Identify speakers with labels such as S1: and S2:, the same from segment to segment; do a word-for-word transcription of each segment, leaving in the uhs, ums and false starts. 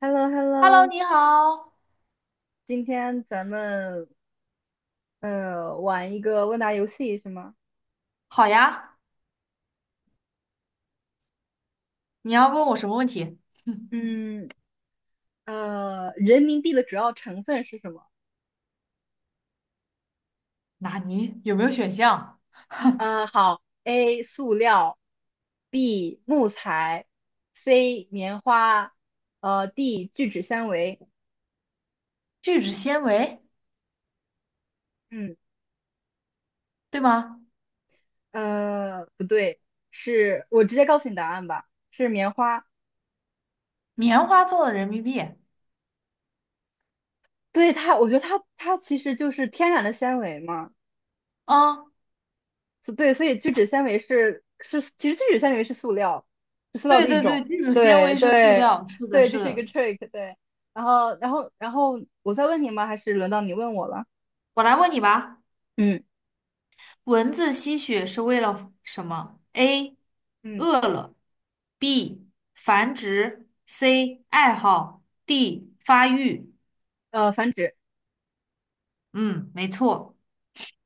S1: h e l l o h e l l
S2: Hello，
S1: o
S2: 你好。
S1: 今天咱们呃玩一个问答游戏是吗？
S2: 好呀，你要问我什么问题？嗯，
S1: 嗯，呃，人民币的主要成分是什么？
S2: 纳尼？有没有选项？
S1: 呃，好，A 塑料，B 木材，C 棉花，呃，D 聚酯纤维。
S2: 聚酯纤维，
S1: 嗯，
S2: 对吗？
S1: 呃，不对，是我直接告诉你答案吧，是棉花。
S2: 棉花做的人民币。
S1: 对它，我觉得它它其实就是天然的纤维嘛。
S2: 嗯，
S1: 所对，所以聚酯纤维是是，其实聚酯纤维是塑料，是塑料
S2: 对
S1: 的一
S2: 对对，
S1: 种。
S2: 聚酯纤
S1: 对
S2: 维是塑
S1: 对
S2: 料。是的，
S1: 对，这
S2: 是
S1: 是一个
S2: 的。
S1: trick。对，然后然后然后我再问你吗？还是轮到你问我了？
S2: 我来问你吧，
S1: 嗯
S2: 蚊子吸血是为了什么？A.
S1: 嗯，
S2: 饿了，B. 繁殖，C. 爱好，D. 发育。
S1: 呃，繁殖
S2: 嗯，没错，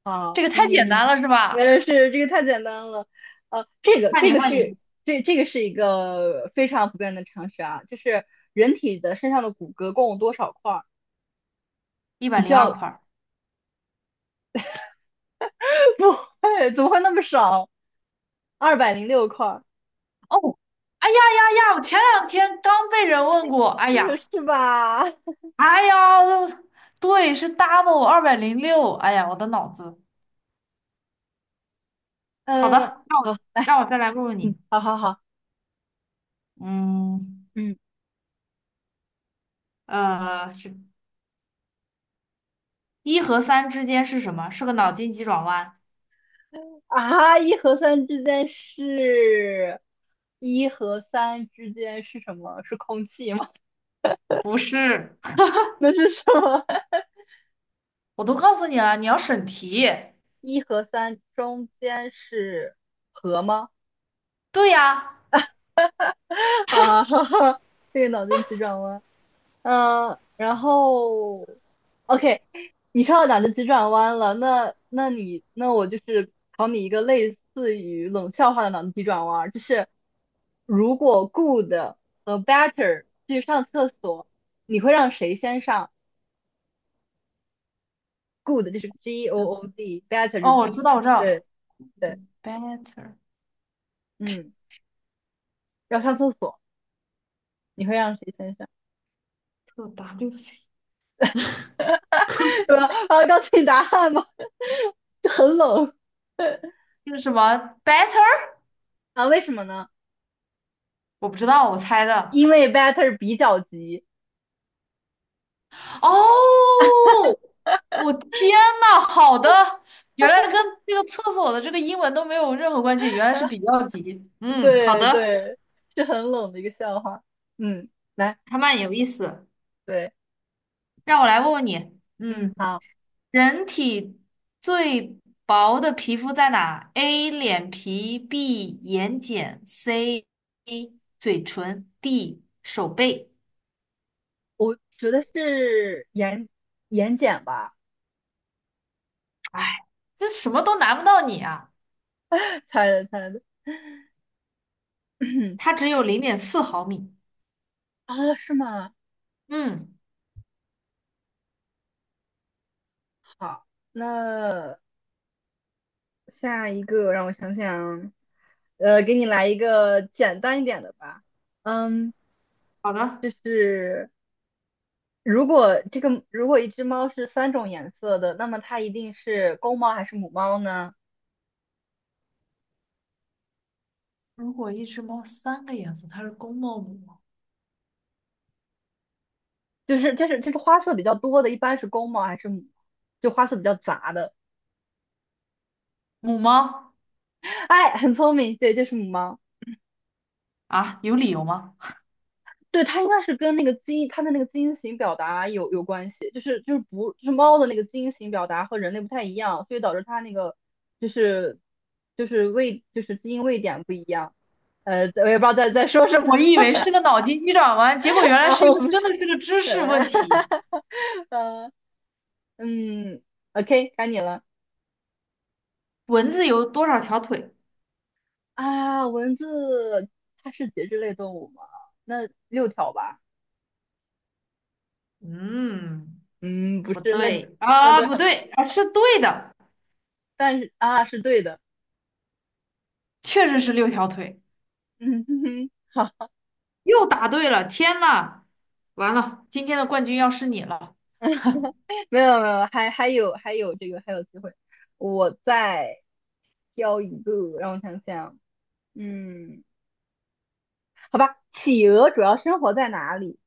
S1: 啊，
S2: 这个太简
S1: 嗯，
S2: 单了是吧？
S1: 那是这个太简单了。呃，这个
S2: 换
S1: 这
S2: 你，
S1: 个
S2: 换
S1: 是
S2: 你，
S1: 这这个是一个非常普遍的常识啊，就是人体的身上的骨骼共有多少块儿？
S2: 一百
S1: 你需
S2: 零二
S1: 要
S2: 块。
S1: 不会，怎么会那么少？二百零六块儿，
S2: 哦，哎呀呀呀！我前两天刚被人问过，哎呀，
S1: 是吧？
S2: 哎呀，对，是 double 二百零六，哎呀，我的脑子。好的，
S1: 嗯，
S2: 让我
S1: 好，来，
S2: 让我再来问问
S1: 嗯，
S2: 你，
S1: 好好好，
S2: 嗯，
S1: 嗯，
S2: 呃，是一和三之间是什么？是个脑筋急转弯？
S1: 啊，一和三之间是，一和三之间是什么？是空气吗？
S2: 不是，
S1: 那是什么？
S2: 我都告诉你了，你要审题。
S1: 一和三中间是和吗？
S2: 对呀，
S1: 啊，哈哈，这个脑筋急转弯。嗯、呃，然后，OK，你说到脑筋急转弯了，那那你那我就是考你一个类似于冷笑话的脑筋急转弯儿，就是如果 good 和 better 去上厕所，你会让谁先上？good 就是 G O
S2: 嗯
S1: O D，better 是
S2: 哦，我知
S1: B，
S2: 道，我知道
S1: 对
S2: ，the
S1: 对，
S2: better
S1: 嗯，要上厕所，你会让谁先上？
S2: to W C，
S1: 对吧？啊，告诉你答案吧，就很冷
S2: 这个什么 better？
S1: 啊，为什么呢？
S2: 我不知道，我猜的。
S1: 因为 better 比较急。
S2: 哦，我天呐，好的，原来跟这个厕所的这个英文都没有任何关系，原来是比 较级。嗯，好
S1: 对
S2: 的，
S1: 对，是很冷的一个笑话。嗯，来，
S2: 还蛮有意思。
S1: 对，
S2: 让我来问问你，
S1: 嗯，
S2: 嗯，
S1: 好，
S2: 人体最薄的皮肤在哪？A. 脸皮，B. 眼睑，C. 嘴唇，D. 手背。
S1: 我觉得是眼眼睑吧，
S2: 哎，这什么都难不到你啊，
S1: 猜的猜的。
S2: 它 只有零点四毫米。
S1: 哦，是吗？
S2: 嗯，
S1: 好，那下一个让我想想，呃，给你来一个简单一点的吧。嗯，
S2: 好的。
S1: 就是如果这个如果一只猫是三种颜色的，那么它一定是公猫还是母猫呢？
S2: 如果一只猫三个颜色，它是公猫母猫。
S1: 就是就是就是花色比较多的，一般是公猫还是母？就花色比较杂的。
S2: 母猫
S1: 哎，很聪明，对，就是母猫。
S2: 啊，有理由吗？
S1: 对，它应该是跟那个基因，它的那个基因型表达有有关系，就是就是不就是猫的那个基因型表达和人类不太一样，所以导致它那个就是就是位就是基因位点不一样。呃，我也不知道在在说什么
S2: 我以为是个脑筋急转弯，结果原 来
S1: 啊，
S2: 是一
S1: 我
S2: 个
S1: 不
S2: 真
S1: 是，
S2: 的是个知识问题。
S1: 呃嗯，OK，该你了。
S2: 蚊子有多少条腿？
S1: 啊，蚊子它是节肢类动物吗？那六条吧？
S2: 嗯，
S1: 嗯，不
S2: 不
S1: 是，那
S2: 对，
S1: 那
S2: 啊，
S1: 多
S2: 不
S1: 少？
S2: 对，啊，是对的，
S1: 但是啊，是对的。
S2: 确实是六条腿，
S1: 嗯哼哼，好，
S2: 又答对了。天呐，完了，今天的冠军要是你了，
S1: 没有没有，还还有还有这个还有机会。我再挑一个，让我想想。嗯，好吧，企鹅主要生活在哪里？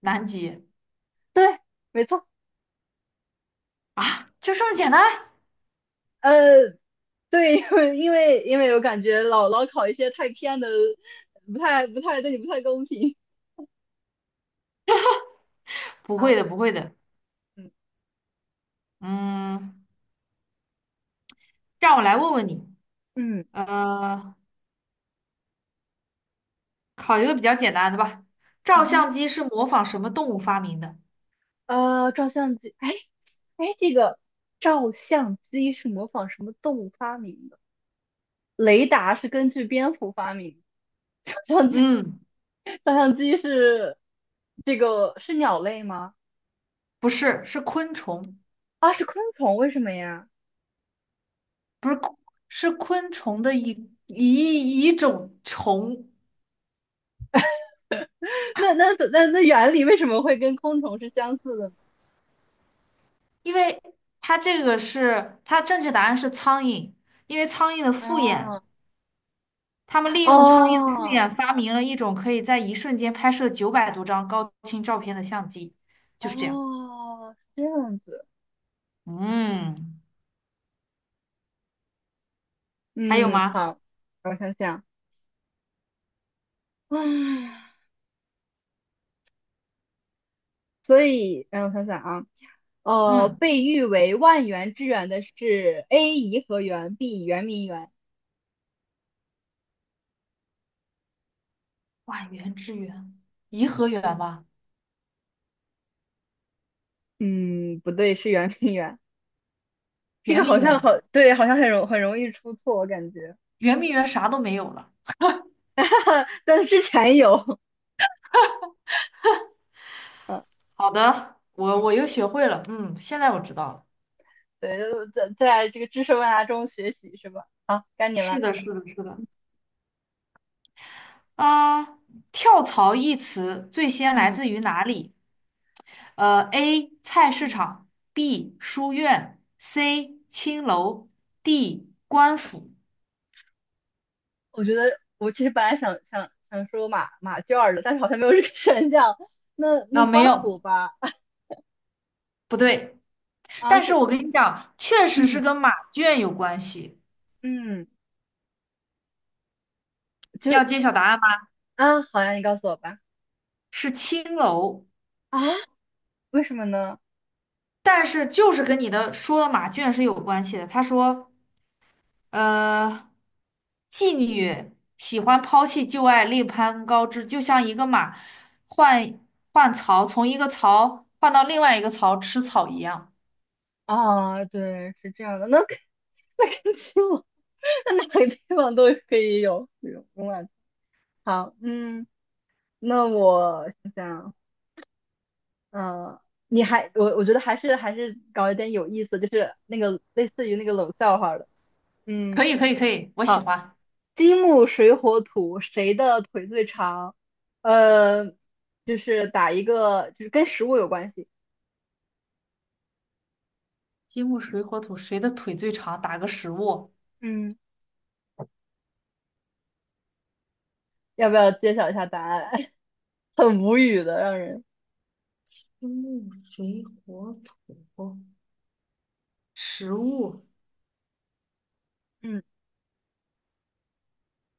S2: 南极
S1: 对，没错。
S2: 就这么简单？
S1: 呃，对，因为因为因为我感觉老老考一些太偏的，不太不太对你不太公平
S2: 不
S1: 啊。
S2: 会的，不会的。
S1: 嗯
S2: 嗯，让我来问问你，
S1: 嗯
S2: 呃，考一个比较简单的吧。照
S1: 嗯哼。
S2: 相机是模仿什么动物发明的？
S1: 呃，照相机，哎哎，这个照相机是模仿什么动物发明的？雷达是根据蝙蝠发明的 照相机，
S2: 嗯，
S1: 照相机是这个是鸟类吗？
S2: 不是，是昆虫，
S1: 啊，是昆虫，为什么呀？
S2: 不是昆是昆虫的一一一种虫，
S1: 那那那那原理为什么会跟昆虫是相似的呢？
S2: 因为它这个是它正确答案是苍蝇，因为苍蝇的复眼，
S1: 啊，
S2: 他们利用苍蝇的复
S1: 哦
S2: 眼发明了一种可以在一瞬间拍摄九百多张高清照片的相机，就是这样。
S1: 哦，是这样子，
S2: 嗯，还有
S1: 嗯，
S2: 吗？
S1: 好，我想想，唉。所以，让我想想啊，呃，
S2: 嗯，
S1: 被誉为万园之园的是 A 颐和园，B 圆明园。
S2: 万园之园，颐和园吧，
S1: 嗯，不对，是圆明园。这
S2: 圆
S1: 个好
S2: 明
S1: 像
S2: 园。
S1: 好，对，好像很容很容易出错，我感觉。
S2: 圆明园啥都没有了。
S1: 哈哈，但是之前有，嗯
S2: 好的，我
S1: 嗯，
S2: 我又学会了，嗯，现在我知道了。
S1: 对，在在这个知识问答中学习是吧？好，该你
S2: 是
S1: 了。
S2: 的，是的，是的。啊、跳槽一词最先来
S1: 嗯
S2: 自于哪里？呃，A. 菜市
S1: 嗯，
S2: 场，B. 书院，C. 青楼，D. 官府。
S1: 我觉得我其实本来想想想说马马圈儿的，但是好像没有这个 选项。那那
S2: 啊、没
S1: 官府
S2: 有，
S1: 吧，
S2: 不对。
S1: 啊
S2: 但是
S1: 是，
S2: 我跟你讲，确实是
S1: 嗯，
S2: 跟马圈有关系。
S1: 嗯，就
S2: 要揭晓答案吗？
S1: 啊，好呀，你告诉我吧。
S2: 是青楼，
S1: 啊？为什么呢？
S2: 但是就是跟你的说的马圈是有关系的。他说。呃，妓女喜欢抛弃旧爱，另攀高枝，就像一个马换换槽，从一个槽换到另外一个槽吃草一样。
S1: 啊，对，是这样的，那肯 那跟基本那哪个地方都可以有这有慵懒。好，嗯，那我想想，呃，你还我我觉得还是还是搞一点有意思，就是那个类似于那个冷笑话的。嗯，
S2: 可以，可以，可以，我喜
S1: 好，
S2: 欢。
S1: 金木水火土，谁的腿最长？呃，就是打一个，就是跟食物有关系。
S2: 金木水火土，谁的腿最长？打个食物，
S1: 嗯，要不要揭晓一下答案？很无语的，让人，
S2: 金木水火土，食物。
S1: 嗯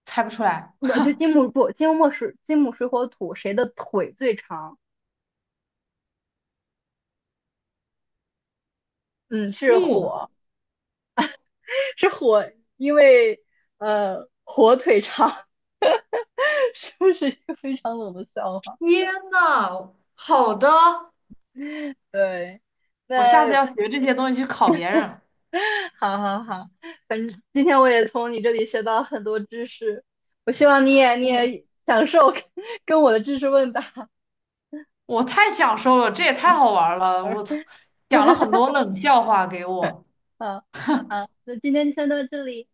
S2: 猜不出来。
S1: 不就金木不金木水金木水火土，谁的腿最长？嗯，是
S2: 木，
S1: 火，是火，因为呃火腿肠 是不是一个非常冷的笑话？
S2: 天呐，好的，
S1: 对，
S2: 我下次
S1: 那
S2: 要学这些东西去考别人。
S1: 好好好，反正今天我也从你这里学到很多知识，我希望你也你
S2: 我。
S1: 也享受跟跟我的知识问答。
S2: 我太享受了，这也太好玩了，我从讲了很 多冷笑话给我。
S1: 好，好，那今天就先到这里。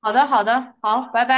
S2: 好的，好的，好，拜拜。